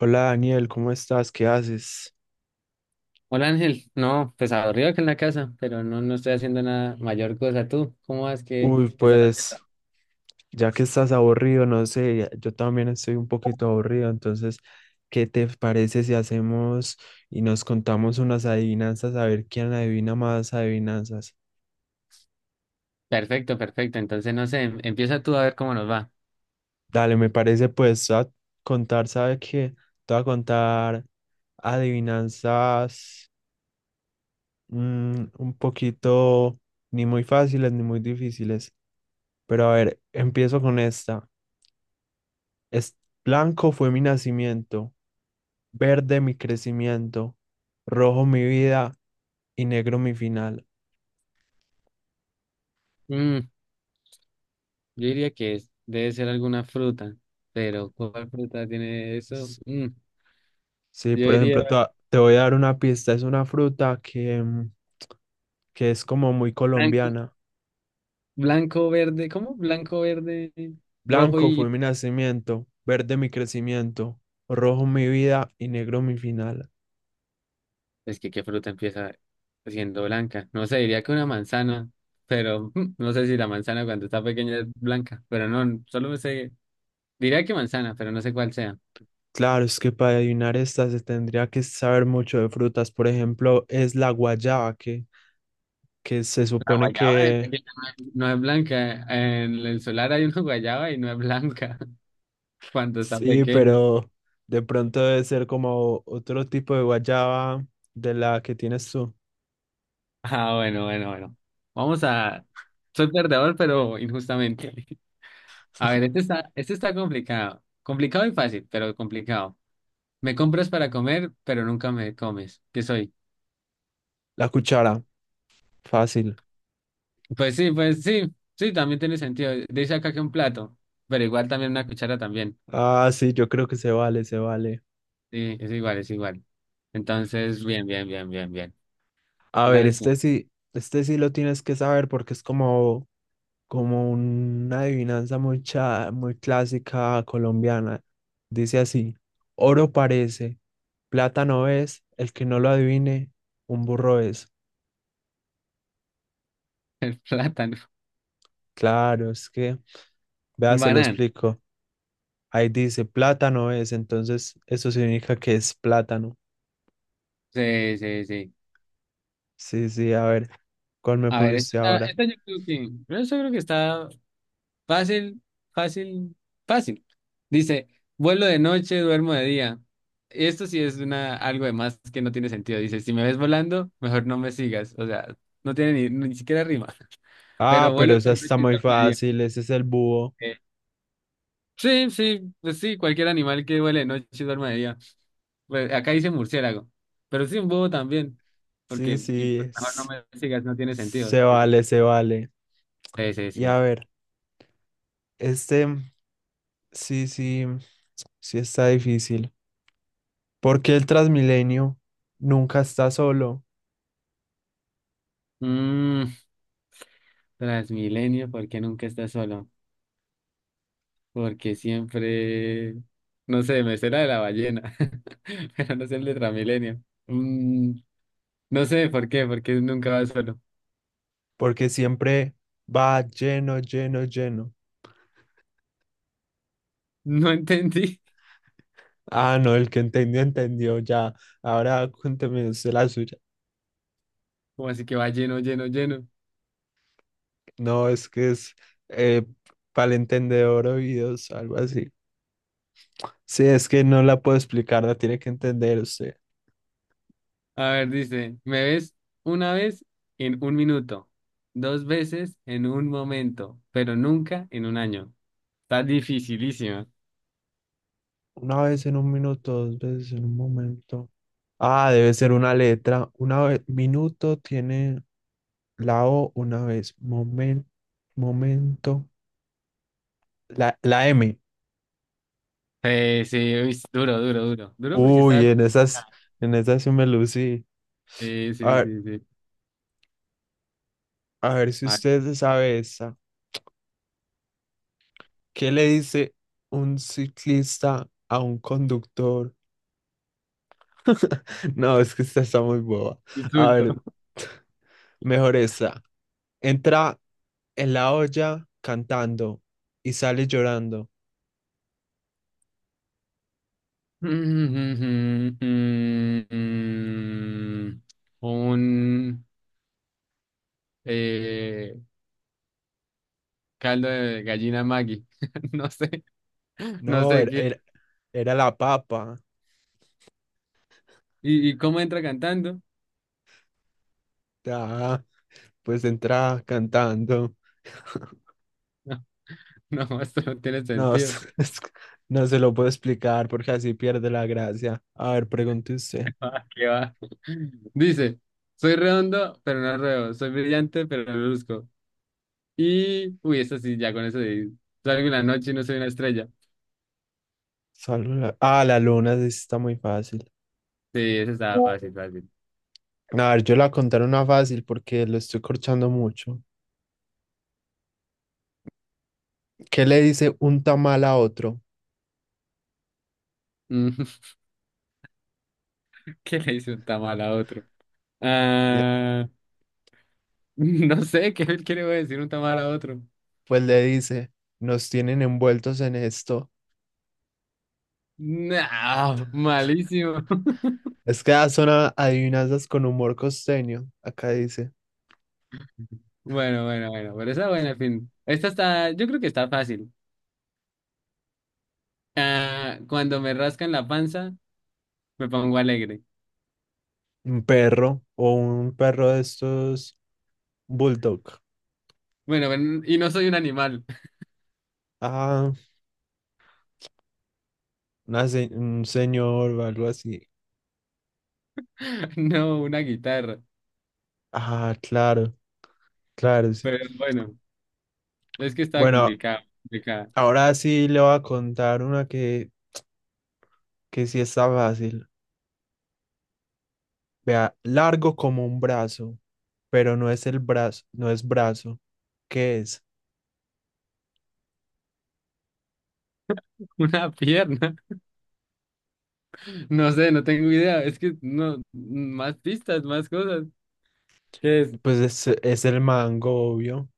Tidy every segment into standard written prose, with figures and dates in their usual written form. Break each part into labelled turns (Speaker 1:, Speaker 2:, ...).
Speaker 1: Hola Daniel, ¿cómo estás? ¿Qué haces?
Speaker 2: Hola Ángel, no, pues aburrido que en la casa, pero no, no estoy haciendo nada mayor cosa. ¿Tú cómo vas? ¿Qué,
Speaker 1: Uy,
Speaker 2: qué estás haciendo?
Speaker 1: pues ya que estás aburrido, no sé, yo también estoy un poquito aburrido, entonces, ¿qué te parece si hacemos y nos contamos unas adivinanzas a ver quién adivina más adivinanzas?
Speaker 2: Perfecto, perfecto. Entonces, no sé, empieza tú a ver cómo nos va.
Speaker 1: Dale, me parece pues a contar, ¿sabe qué? Te voy a contar adivinanzas un poquito ni muy fáciles ni muy difíciles, pero a ver, empiezo con esta. Es blanco fue mi nacimiento, verde mi crecimiento, rojo mi vida y negro mi final.
Speaker 2: Mm, yo diría que debe ser alguna fruta, pero ¿cuál fruta tiene eso? Mm,
Speaker 1: Sí,
Speaker 2: yo
Speaker 1: por ejemplo,
Speaker 2: diría
Speaker 1: te voy a dar una pista. Es una fruta que, que es como muy
Speaker 2: blanco,
Speaker 1: colombiana.
Speaker 2: blanco, verde, ¿cómo? Blanco, verde, rojo
Speaker 1: Blanco
Speaker 2: y...
Speaker 1: fue mi nacimiento, verde mi crecimiento, rojo mi vida y negro mi final.
Speaker 2: Es que ¿qué fruta empieza siendo blanca? No sé, diría que una manzana, pero no sé si la manzana cuando está pequeña es blanca, pero no, solo me sé... Diría que manzana, pero no sé cuál sea.
Speaker 1: Claro, es que para adivinar esta se tendría que saber mucho de frutas. Por ejemplo, es la guayaba, que se
Speaker 2: La
Speaker 1: supone
Speaker 2: guayaba
Speaker 1: que
Speaker 2: no es blanca. En el solar hay una guayaba y no es blanca cuando está
Speaker 1: sí,
Speaker 2: pequeña.
Speaker 1: pero de pronto debe ser como otro tipo de guayaba de la que tienes tú.
Speaker 2: Ah, bueno, bueno, bueno. Vamos a... Soy perdedor, pero injustamente. A ver, este está complicado. Complicado y fácil, pero complicado. Me compras para comer, pero nunca me comes. ¿Qué soy?
Speaker 1: La cuchara, fácil.
Speaker 2: Pues sí, pues sí. Sí, también tiene sentido. Dice acá que un plato, pero igual también una cuchara también.
Speaker 1: Ah, sí, yo creo que se vale, se vale.
Speaker 2: Sí, es igual, es igual. Entonces, bien, bien, bien, bien, bien.
Speaker 1: A ver,
Speaker 2: Dale tú.
Speaker 1: este sí lo tienes que saber porque es como, como una adivinanza muy, muy clásica colombiana. Dice así, oro parece, plata no es, el que no lo adivine, un burro es.
Speaker 2: El plátano.
Speaker 1: Claro, es que, vea,
Speaker 2: El
Speaker 1: se lo
Speaker 2: banano.
Speaker 1: explico. Ahí dice plátano es, entonces eso significa que es plátano.
Speaker 2: Sí, sí, sí.
Speaker 1: Sí, sí, a ver, ¿cuál me
Speaker 2: A
Speaker 1: pone
Speaker 2: ver, esta,
Speaker 1: usted ahora?
Speaker 2: esta yo creo que, pero yo sí creo que está fácil, fácil, fácil. Dice, vuelo de noche, duermo de día. Esto sí es una, algo de más que no tiene sentido. Dice, si me ves volando, mejor no me sigas. O sea, no tiene ni, ni siquiera rima. Pero
Speaker 1: Ah,
Speaker 2: vuelo
Speaker 1: pero esa
Speaker 2: de noche
Speaker 1: está
Speaker 2: y
Speaker 1: muy
Speaker 2: duermo de día.
Speaker 1: fácil, ese es el búho.
Speaker 2: Eh, sí, sí, pues sí, cualquier animal que vuele de noche y duerma de día. Pues, acá dice murciélago, pero sí un búho también,
Speaker 1: Sí,
Speaker 2: porque y,
Speaker 1: sí,
Speaker 2: mejor no
Speaker 1: es-
Speaker 2: me sigas, no tiene sentido
Speaker 1: Se
Speaker 2: eso.
Speaker 1: vale, se vale.
Speaker 2: Sí, sí,
Speaker 1: Y
Speaker 2: sí.
Speaker 1: a ver, este, sí, sí, sí está difícil. ¿Por qué el Transmilenio nunca está solo?
Speaker 2: Mm, Transmilenio, ¿por qué nunca estás solo? Porque siempre, no sé, me sé la de la ballena, pero no sé el de Transmilenio. Mm, no sé por qué, porque nunca vas solo.
Speaker 1: Porque siempre va lleno, lleno, lleno.
Speaker 2: No entendí.
Speaker 1: Ah, no, el que entendió, entendió, ya. Ahora cuénteme usted la suya.
Speaker 2: Como así que va lleno, lleno, lleno.
Speaker 1: No, es que es eh, para el entendedor oídos, algo así. Sí, es que no la puedo explicar, la tiene que entender usted.
Speaker 2: A ver, dice, me ves una vez en un minuto, dos veces en un momento, pero nunca en un año. Está dificilísimo.
Speaker 1: Una vez en un minuto, dos veces en un momento. Ah, debe ser una letra. Una vez, minuto tiene la O una vez. Momento, momento. La M.
Speaker 2: Sí, sí, uy, es duro, duro, duro. Duro porque está...
Speaker 1: Uy, en esas sí me lucí.
Speaker 2: Sí,
Speaker 1: A
Speaker 2: sí,
Speaker 1: ver,
Speaker 2: sí, sí.
Speaker 1: a ver si
Speaker 2: A ver,
Speaker 1: usted se sabe esa. ¿Qué le dice un ciclista a un conductor? No, es que esta está muy boba. A
Speaker 2: insulto.
Speaker 1: ver, mejor esta. Entra en la olla cantando y sale llorando.
Speaker 2: Un eh, caldo de gallina Maggi. No sé, no
Speaker 1: No,
Speaker 2: sé
Speaker 1: era,
Speaker 2: qué.
Speaker 1: era, era la papa.
Speaker 2: Y cómo entra cantando?
Speaker 1: Ah, pues entra cantando.
Speaker 2: No, no, esto no tiene
Speaker 1: No,
Speaker 2: sentido.
Speaker 1: es que no se lo puedo explicar porque así pierde la gracia. A ver, pregunte usted.
Speaker 2: ¿Qué va? Dice, soy redondo, pero no ruego, soy brillante, pero no luzco. Y, uy, esta sí, ya con eso de, salgo en la noche y no soy una estrella.
Speaker 1: Ah, la luna, sí está muy fácil.
Speaker 2: Sí, eso estaba fácil, fácil.
Speaker 1: A ver, yo la contaré una fácil porque lo estoy corchando mucho. ¿Qué le dice un tamal a otro?
Speaker 2: Mm, ¿Qué le hizo un tamal a otro?
Speaker 1: Le-
Speaker 2: Ah, no sé, ¿qué le voy a decir un tamal a otro?
Speaker 1: pues le dice, nos tienen envueltos en esto.
Speaker 2: No, malísimo.
Speaker 1: Es que ya son adivinanzas con humor costeño. Acá dice,
Speaker 2: Bueno, bueno, bueno, pero esa buena, en fin. Esta está, yo creo que está fácil. Ah, cuando me rascan la panza, me pongo alegre.
Speaker 1: un perro o un perro de estos bulldog.
Speaker 2: Bueno, y no soy un animal.
Speaker 1: Ah, un señor o algo así.
Speaker 2: No, una guitarra.
Speaker 1: Ah, claro, claro, sí.
Speaker 2: Pero bueno, es que estaba
Speaker 1: Bueno,
Speaker 2: complicado, complicado.
Speaker 1: ahora sí le voy a contar una que sí está fácil. Vea, largo como un brazo, pero no es el brazo, no es brazo. ¿Qué es?
Speaker 2: Una pierna. No sé, no tengo idea. Es que no, más pistas, más cosas. ¿Qué es?
Speaker 1: Pues es el mango, obvio.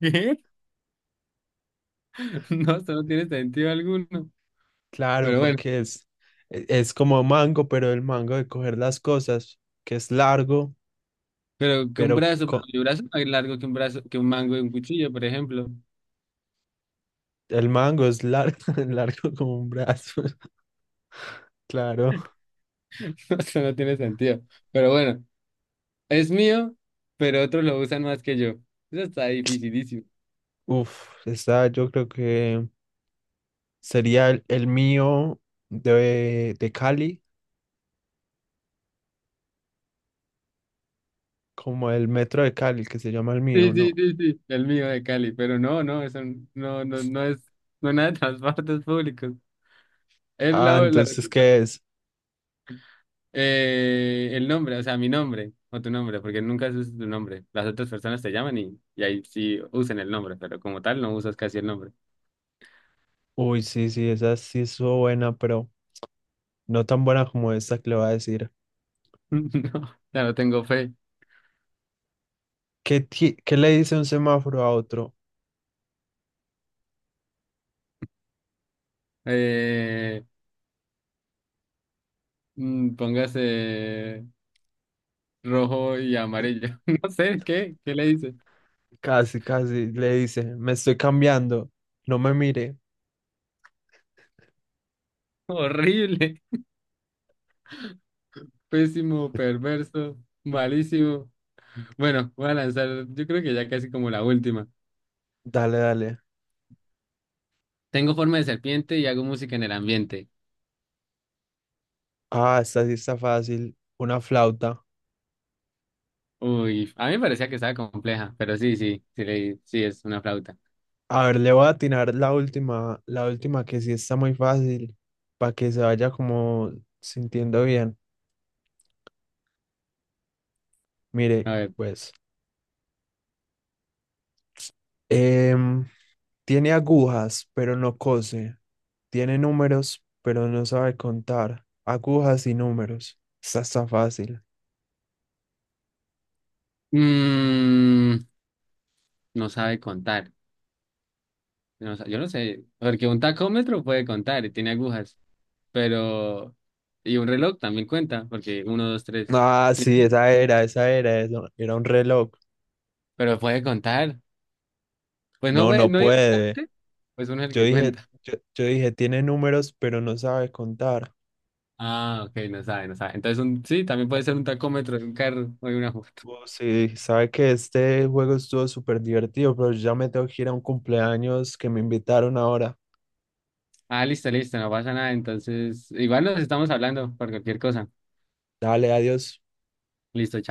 Speaker 2: ¿Qué? No, eso no tiene sentido alguno.
Speaker 1: Claro,
Speaker 2: Pero bueno,
Speaker 1: porque es, es como mango, pero el mango de coger las cosas, que es largo,
Speaker 2: pero que un
Speaker 1: pero
Speaker 2: brazo, pero mi brazo es más largo que un brazo, que un mango de un cuchillo, por ejemplo.
Speaker 1: el mango es largo, largo como un brazo. Claro.
Speaker 2: Eso no tiene sentido. Pero bueno, es mío, pero otros lo usan más que yo. Eso está dificilísimo.
Speaker 1: Uf, está, yo creo que sería el mío de Cali, como el metro de Cali, que se llama el mío,
Speaker 2: Sí, sí,
Speaker 1: ¿no?
Speaker 2: sí, sí, el mío de Cali, pero no, no, eso no, no, no es, no es nada de transportes públicos. Es
Speaker 1: Ah, entonces, ¿qué es?
Speaker 2: el nombre, o sea, mi nombre o tu nombre, porque nunca usas tu nombre. Las otras personas te llaman y ahí sí usan el nombre, pero como tal no usas casi el nombre.
Speaker 1: Uy, sí, sí, esa sí estuvo buena, pero no tan buena como esta que le voy a decir.
Speaker 2: No, ya no tengo fe.
Speaker 1: ¿Qué le dice un semáforo a otro?
Speaker 2: Eh, póngase rojo y amarillo. No sé, ¿qué? ¿Qué le dice?
Speaker 1: Casi, casi le dice, me estoy cambiando, no me mire.
Speaker 2: Horrible, pésimo, perverso, malísimo. Bueno, voy a lanzar, yo creo que ya casi como la última.
Speaker 1: Dale, dale.
Speaker 2: Tengo forma de serpiente y hago música en el ambiente.
Speaker 1: Ah, esta sí está fácil, una flauta.
Speaker 2: Uy, a mí me parecía que estaba compleja, pero sí, sí, sí, sí es una flauta.
Speaker 1: A ver, le voy a atinar la última que sí está muy fácil, para que se vaya como sintiendo bien. Mire,
Speaker 2: A ver,
Speaker 1: pues, em, tiene agujas, pero no cose. Tiene números, pero no sabe contar. Agujas y números. Esa está fácil.
Speaker 2: mm, no sabe contar. Yo no sé, porque un tacómetro puede contar y tiene agujas, pero... Y un reloj también cuenta, porque uno, dos, tres.
Speaker 1: Ah,
Speaker 2: Sí,
Speaker 1: sí, esa era, eso era un reloj.
Speaker 2: pero puede contar. Pues no,
Speaker 1: No, no
Speaker 2: no
Speaker 1: puede.
Speaker 2: directamente, pues uno es el
Speaker 1: Yo
Speaker 2: que
Speaker 1: dije,
Speaker 2: cuenta.
Speaker 1: yo dije, tiene números, pero no sabe contar.
Speaker 2: Ah, ok, no sabe, no sabe. Entonces, un, sí, también puede ser un tacómetro de un carro o de una
Speaker 1: Oh, sí, sabe que este juego estuvo súper divertido, pero yo ya me tengo que ir a un cumpleaños que me invitaron ahora.
Speaker 2: Ah, listo, listo, no pasa nada. Entonces, igual nos estamos hablando por cualquier cosa.
Speaker 1: Dale, adiós.
Speaker 2: Listo.